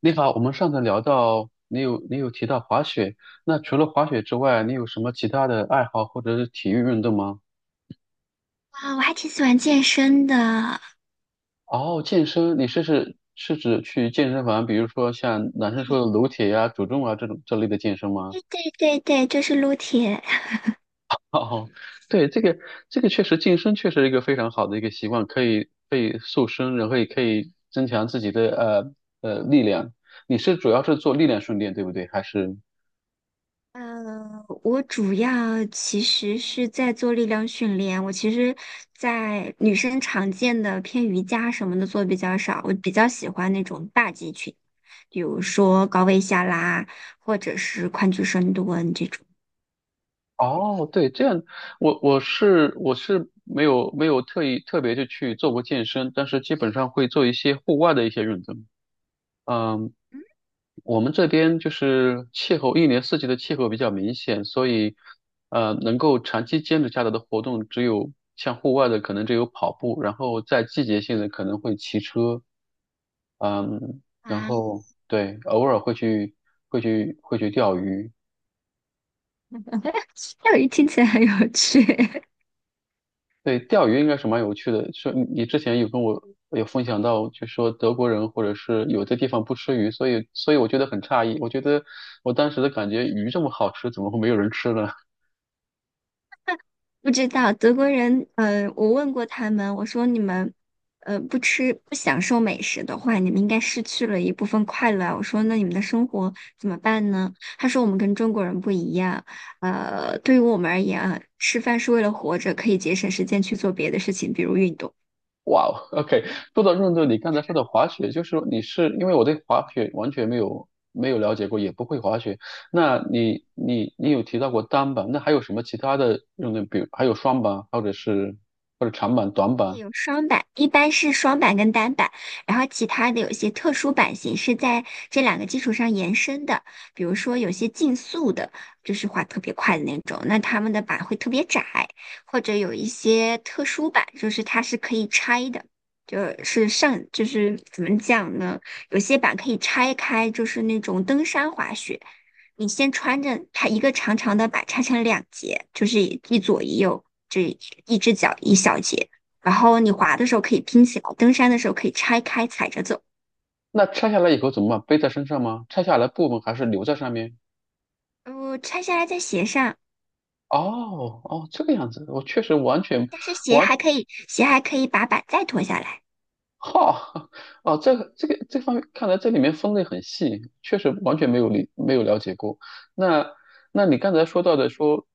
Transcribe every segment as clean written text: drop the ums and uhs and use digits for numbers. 你好，我们上次聊到你提到滑雪，那除了滑雪之外，你有什么其他的爱好或者是体育运动吗？啊，我还挺喜欢健身的。哦，健身，你是指去健身房，比如说像男生说的撸铁呀、主重啊这种这类的健身吗？对对对对，就是撸铁。哦，对，这个确实健身确实是一个非常好的一个习惯，可以塑身，然后也可以增强自己的力量。你是主要是做力量训练，对不对？还是？我主要其实是在做力量训练，我其实，在女生常见的偏瑜伽什么的做比较少，我比较喜欢那种大肌群，比如说高位下拉，或者是宽距深蹲这种。哦，对，这样，我是没有特意特别的去做过健身，但是基本上会做一些户外的一些运动。嗯，我们这边就是气候，一年四季的气候比较明显，所以能够长期坚持下来的活动只有像户外的可能只有跑步，然后在季节性的可能会骑车，嗯，然啊，后对，偶尔会去钓鱼，钓鱼听起来很有趣。对，钓鱼应该是蛮有趣的。说你之前有跟我有分享到，就说德国人或者是有的地方不吃鱼，所以我觉得很诧异。我觉得我当时的感觉，鱼这么好吃，怎么会没有人吃呢？不知道德国人，我问过他们，我说你们，不吃不享受美食的话，你们应该失去了一部分快乐啊，我说那你们的生活怎么办呢？他说我们跟中国人不一样，对于我们而言啊，吃饭是为了活着，可以节省时间去做别的事情，比如运动。哇哦，OK，说到运动，你刚才说的滑雪，就是你是因为我对滑雪完全没有了解过，也不会滑雪。那你有提到过单板，那还有什么其他的运动？比如还有双板，或者是或者长板、短对，板？有双板，一般是双板跟单板，然后其他的有一些特殊版型是在这两个基础上延伸的，比如说有些竞速的，就是滑特别快的那种，那他们的板会特别窄，或者有一些特殊版，就是它是可以拆的，就是上，就是怎么讲呢？有些板可以拆开，就是那种登山滑雪，你先穿着它一个长长的板拆成两节，就是一左一右，这一只脚一小节。然后你滑的时候可以拼起来，登山的时候可以拆开踩着走。那拆下来以后怎么办？背在身上吗？拆下来部分还是留在上面？拆下来在鞋上，哦哦，这个样子，我确实完全但是鞋还可以，鞋还可以把板再脱下来。哈哦，这个这方面，看来这里面分类很细，确实完全没有没有了解过。那那你刚才说到的说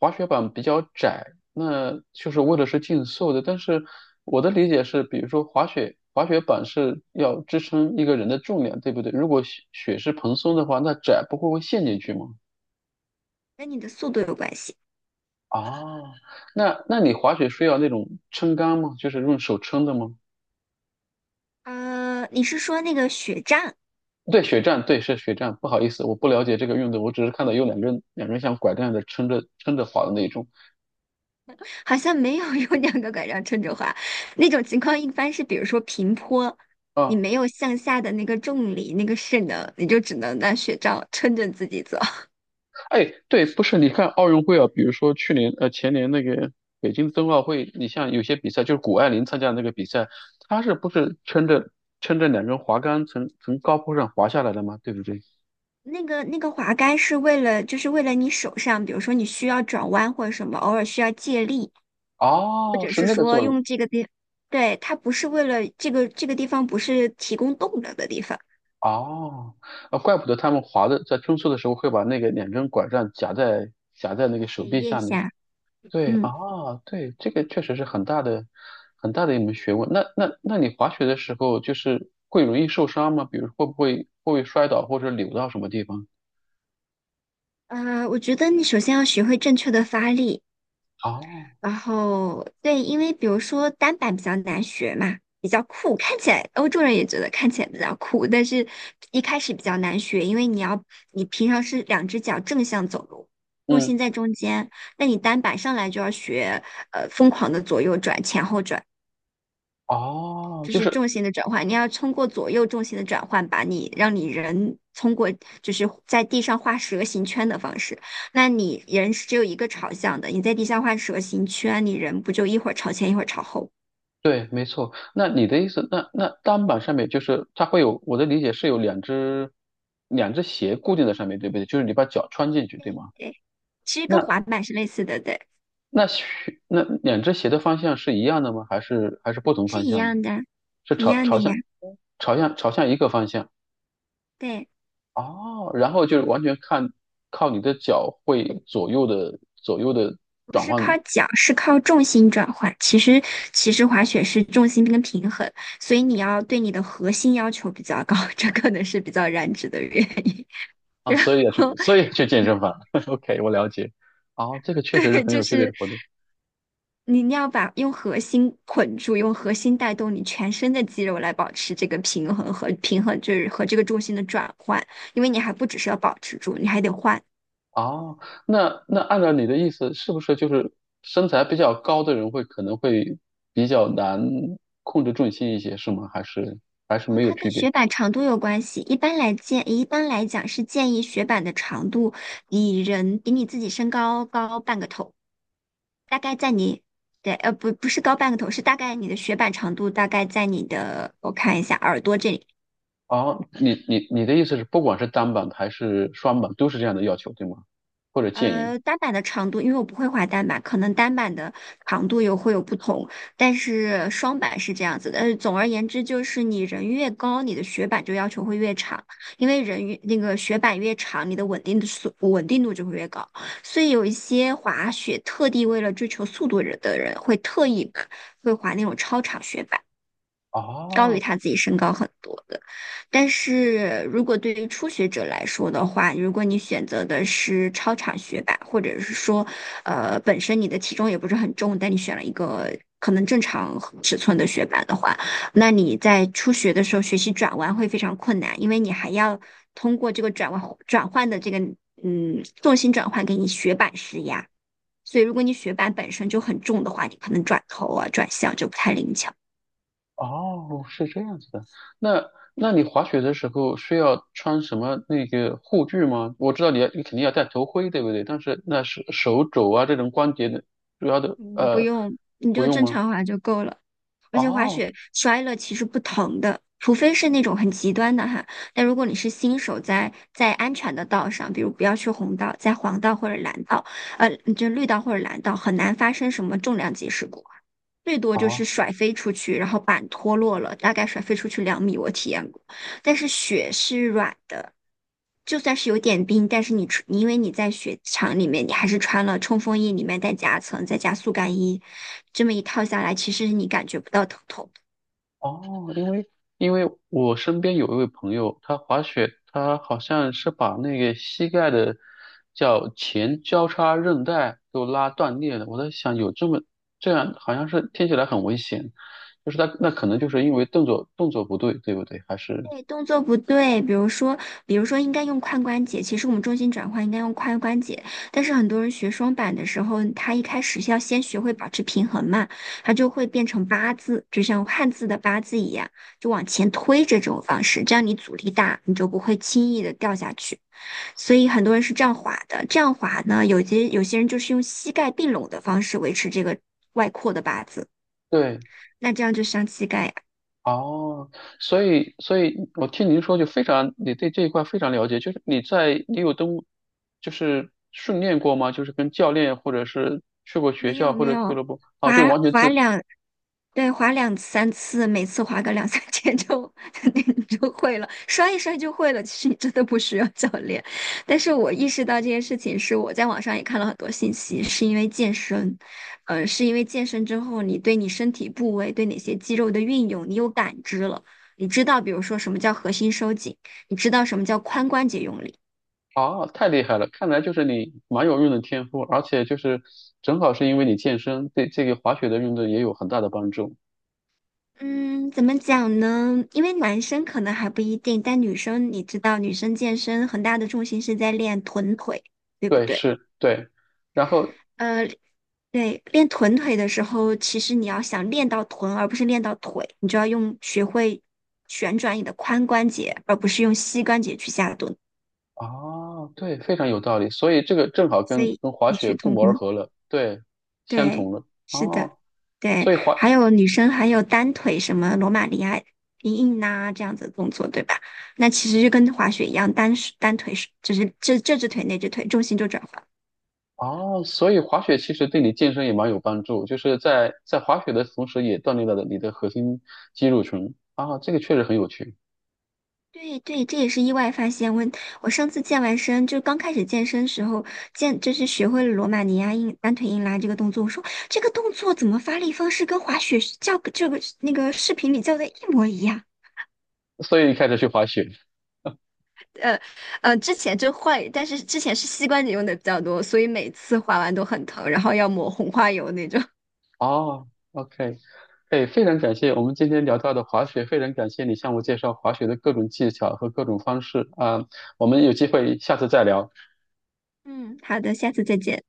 滑雪板比较窄，那就是为了是竞速的，但是我的理解是，比如说滑雪板是要支撑一个人的重量，对不对？如果雪是蓬松的话，那窄不会会陷进去吗？跟你的速度有关系。哦，那那你滑雪需要那种撑杆吗？就是用手撑的吗？你是说那个雪杖？对，雪战，对，是雪战。不好意思，我不了解这个运动，我只是看到有两个人，两个人像拐杖的撑着滑的那种。好像没有用两个拐杖撑着滑，那种情况一般是比如说平坡，你啊，没有向下的那个重力、那个势能，你就只能拿雪杖撑着自己走。哎，对，不是，你看奥运会啊，比如说前年那个北京冬奥会，你像有些比赛，就是谷爱凌参加的那个比赛，她是不是撑着两根滑杆从高坡上滑下来的吗？对不对？那个那个滑杆是为了，就是为了你手上，比如说你需要转弯或者什么，偶尔需要借力。或哦，者是是那个说作用。用这个地，对，它不是为了这个这个地方不是提供动能的地方。哦，啊，怪不得他们滑的在冲刺的时候会把那个两根拐杖夹在那个手对，臂腋下面。下，对，啊，嗯，对，这个确实是很大的一门学问。那你滑雪的时候就是会容易受伤吗？比如会不会摔倒或者扭到什么地方？我觉得你首先要学会正确的发力，哦，然后对，因为比如说单板比较难学嘛，比较酷，看起来欧洲人也觉得看起来比较酷，但是一开始比较难学，因为你要你平常是两只脚正向走路，重嗯，心在中间，那你单板上来就要学疯狂的左右转、前后转。哦，就就是是重心的转换，你要通过左右重心的转换，把你让你人通过就是在地上画蛇形圈的方式。那你人是只有一个朝向的，你在地上画蛇形圈，你人不就一会儿朝前一会儿朝后？对，没错。那你的意思，那单板上面就是它会有，我的理解是有两只鞋固定在上面，对不对？就是你把脚穿进去，对对吗？对，其实跟那。滑板是类似的，对，那靴那两只鞋的方向是一样的吗？还是不同是方一向的？样的，是一样的呀。朝向一个方向对，哦，然后就是完全看靠你的脚会左右的不转是换靠脚，是靠重心转换。其实滑雪是重心跟平衡，所以你要对你的核心要求比较高，这可能是比较燃脂的原因。啊，然所以要后去健身房。OK，我了解。哦，这个确实是对，很就有趣的一个是活动。你你要把用核心捆住，用核心带动你全身的肌肉来保持这个平衡和平衡，就是和这个重心的转换，因为你还不只是要保持住，你还得换。哦，那那按照你的意思，是不是就是身材比较高的人可能会比较难控制重心一些，是吗？还是然后没有它区跟别？雪板长度有关系，一般来讲是建议雪板的长度比人比你自己身高高半个头，大概在你。对，不，不是高半个头，是大概你的雪板长度大概在你的，我看一下，耳朵这里，哦，你的意思是，不管是单板还是双板，都是这样的要求，对吗？或者建议？单板的长度，因为我不会滑单板，可能单板的长度有会有不同，但是双板是这样子的。总而言之，就是你人越高，你的雪板就要求会越长，因为人越那个雪板越长，你的稳定的稳定度就会越高。所以有一些滑雪特地为了追求速度的人，会特意把 会滑那种超长雪板。高于哦他自己身高很多的。但是如果对于初学者来说的话，如果你选择的是超长雪板，或者是说，本身你的体重也不是很重，但你选了一个可能正常尺寸的雪板的话，那你在初学的时候学习转弯会非常困难，因为你还要通过这个转弯转换的这个重心转换给你雪板施压。所以，如果你雪板本身就很重的话，你可能转头啊、转向就不太灵巧。哦，是这样子的。那那你滑雪的时候需要穿什么那个护具吗？我知道你肯定要戴头盔，对不对？但是那是手肘啊这种关节的主要的不不用，你不就用正吗？常滑就够了。而且滑哦雪摔了其实不疼的，除非是那种很极端的哈。但如果你是新手在安全的道上，比如不要去红道，在黄道或者蓝道，呃，就绿道或者蓝道，很难发生什么重量级事故，最多就是哦甩飞出去，然后板脱落了，大概甩飞出去2米，我体验过。但是雪是软的，就算是有点冰，但是你穿，因为你在雪场里面，你还是穿了冲锋衣，里面带夹层，再加速干衣，这么一套下来，其实你感觉不到疼痛。哦，因为因为我身边有一位朋友，他滑雪，他好像是把那个膝盖的叫前交叉韧带都拉断裂了。我在想，有这么这样，好像是听起来很危险，就是他那可能就是因为动作不对，对不对？还是对，动作不对，比如说，比如说应该用髋关节，其实我们重心转换应该用髋关节，但是很多人学双板的时候，他一开始要先学会保持平衡嘛，他就会变成八字，就像汉字的八字一样，就往前推着这种方式，这样你阻力大，你就不会轻易的掉下去。所以很多人是这样滑的。这样滑呢，有些人就是用膝盖并拢的方式维持这个外扩的八字，对那这样就伤膝盖呀。哦，所以，所以我听您说就非常，你对这一块非常了解，你有登，就是训练过吗？就是跟教练或者是去过学没校有或没者俱有，乐部，啊，就滑完全滑自，两对，划两三次，每次划个两三天就 你就会了，摔一摔就会了。其实你真的不需要教练。但是我意识到这件事情是我在网上也看了很多信息，是因为健身，是因为健身之后，你对你身体部位、对哪些肌肉的运用，你有感知了，你知道，比如说什么叫核心收紧，你知道什么叫髋关节用力。啊，太厉害了，看来就是你蛮有运动天赋，而且就是正好是因为你健身，对这个滑雪的运动也有很大的帮助。嗯，怎么讲呢？因为男生可能还不一定，但女生你知道，女生健身很大的重心是在练臀腿，对不对，对？是，对，然后，呃，对，练臀腿的时候，其实你要想练到臀，而不是练到腿，你就要用学会旋转你的髋关节，而不是用膝关节去下蹲。啊，对，非常有道理，所以这个正好所跟以跟滑异雪曲不同谋而工。合了，对，相同对，了，是的，哦。对，所以滑还有女生还有单腿什么罗马尼亚硬拉这样子的动作，对吧？那其实就跟滑雪一样，单手单腿是就是这只腿那只腿重心就转换。哦，所以滑雪其实对你健身也蛮有帮助，就是在滑雪的同时，也锻炼了你的核心肌肉群啊，这个确实很有趣。对对，这也是意外发现。我上次健完身，就刚开始健身时候就是学会了罗马尼亚硬单腿硬拉这个动作。我说这个动作怎么发力方式跟滑雪是教这个那个视频里教的一模一样？所以你开始去滑雪呃之前就换，但是之前是膝关节用的比较多，所以每次划完都很疼，然后要抹红花油那种。哦，OK，哎，非常感谢我们今天聊到的滑雪，非常感谢你向我介绍滑雪的各种技巧和各种方式啊，我们有机会下次再聊。嗯，好的，下次再见。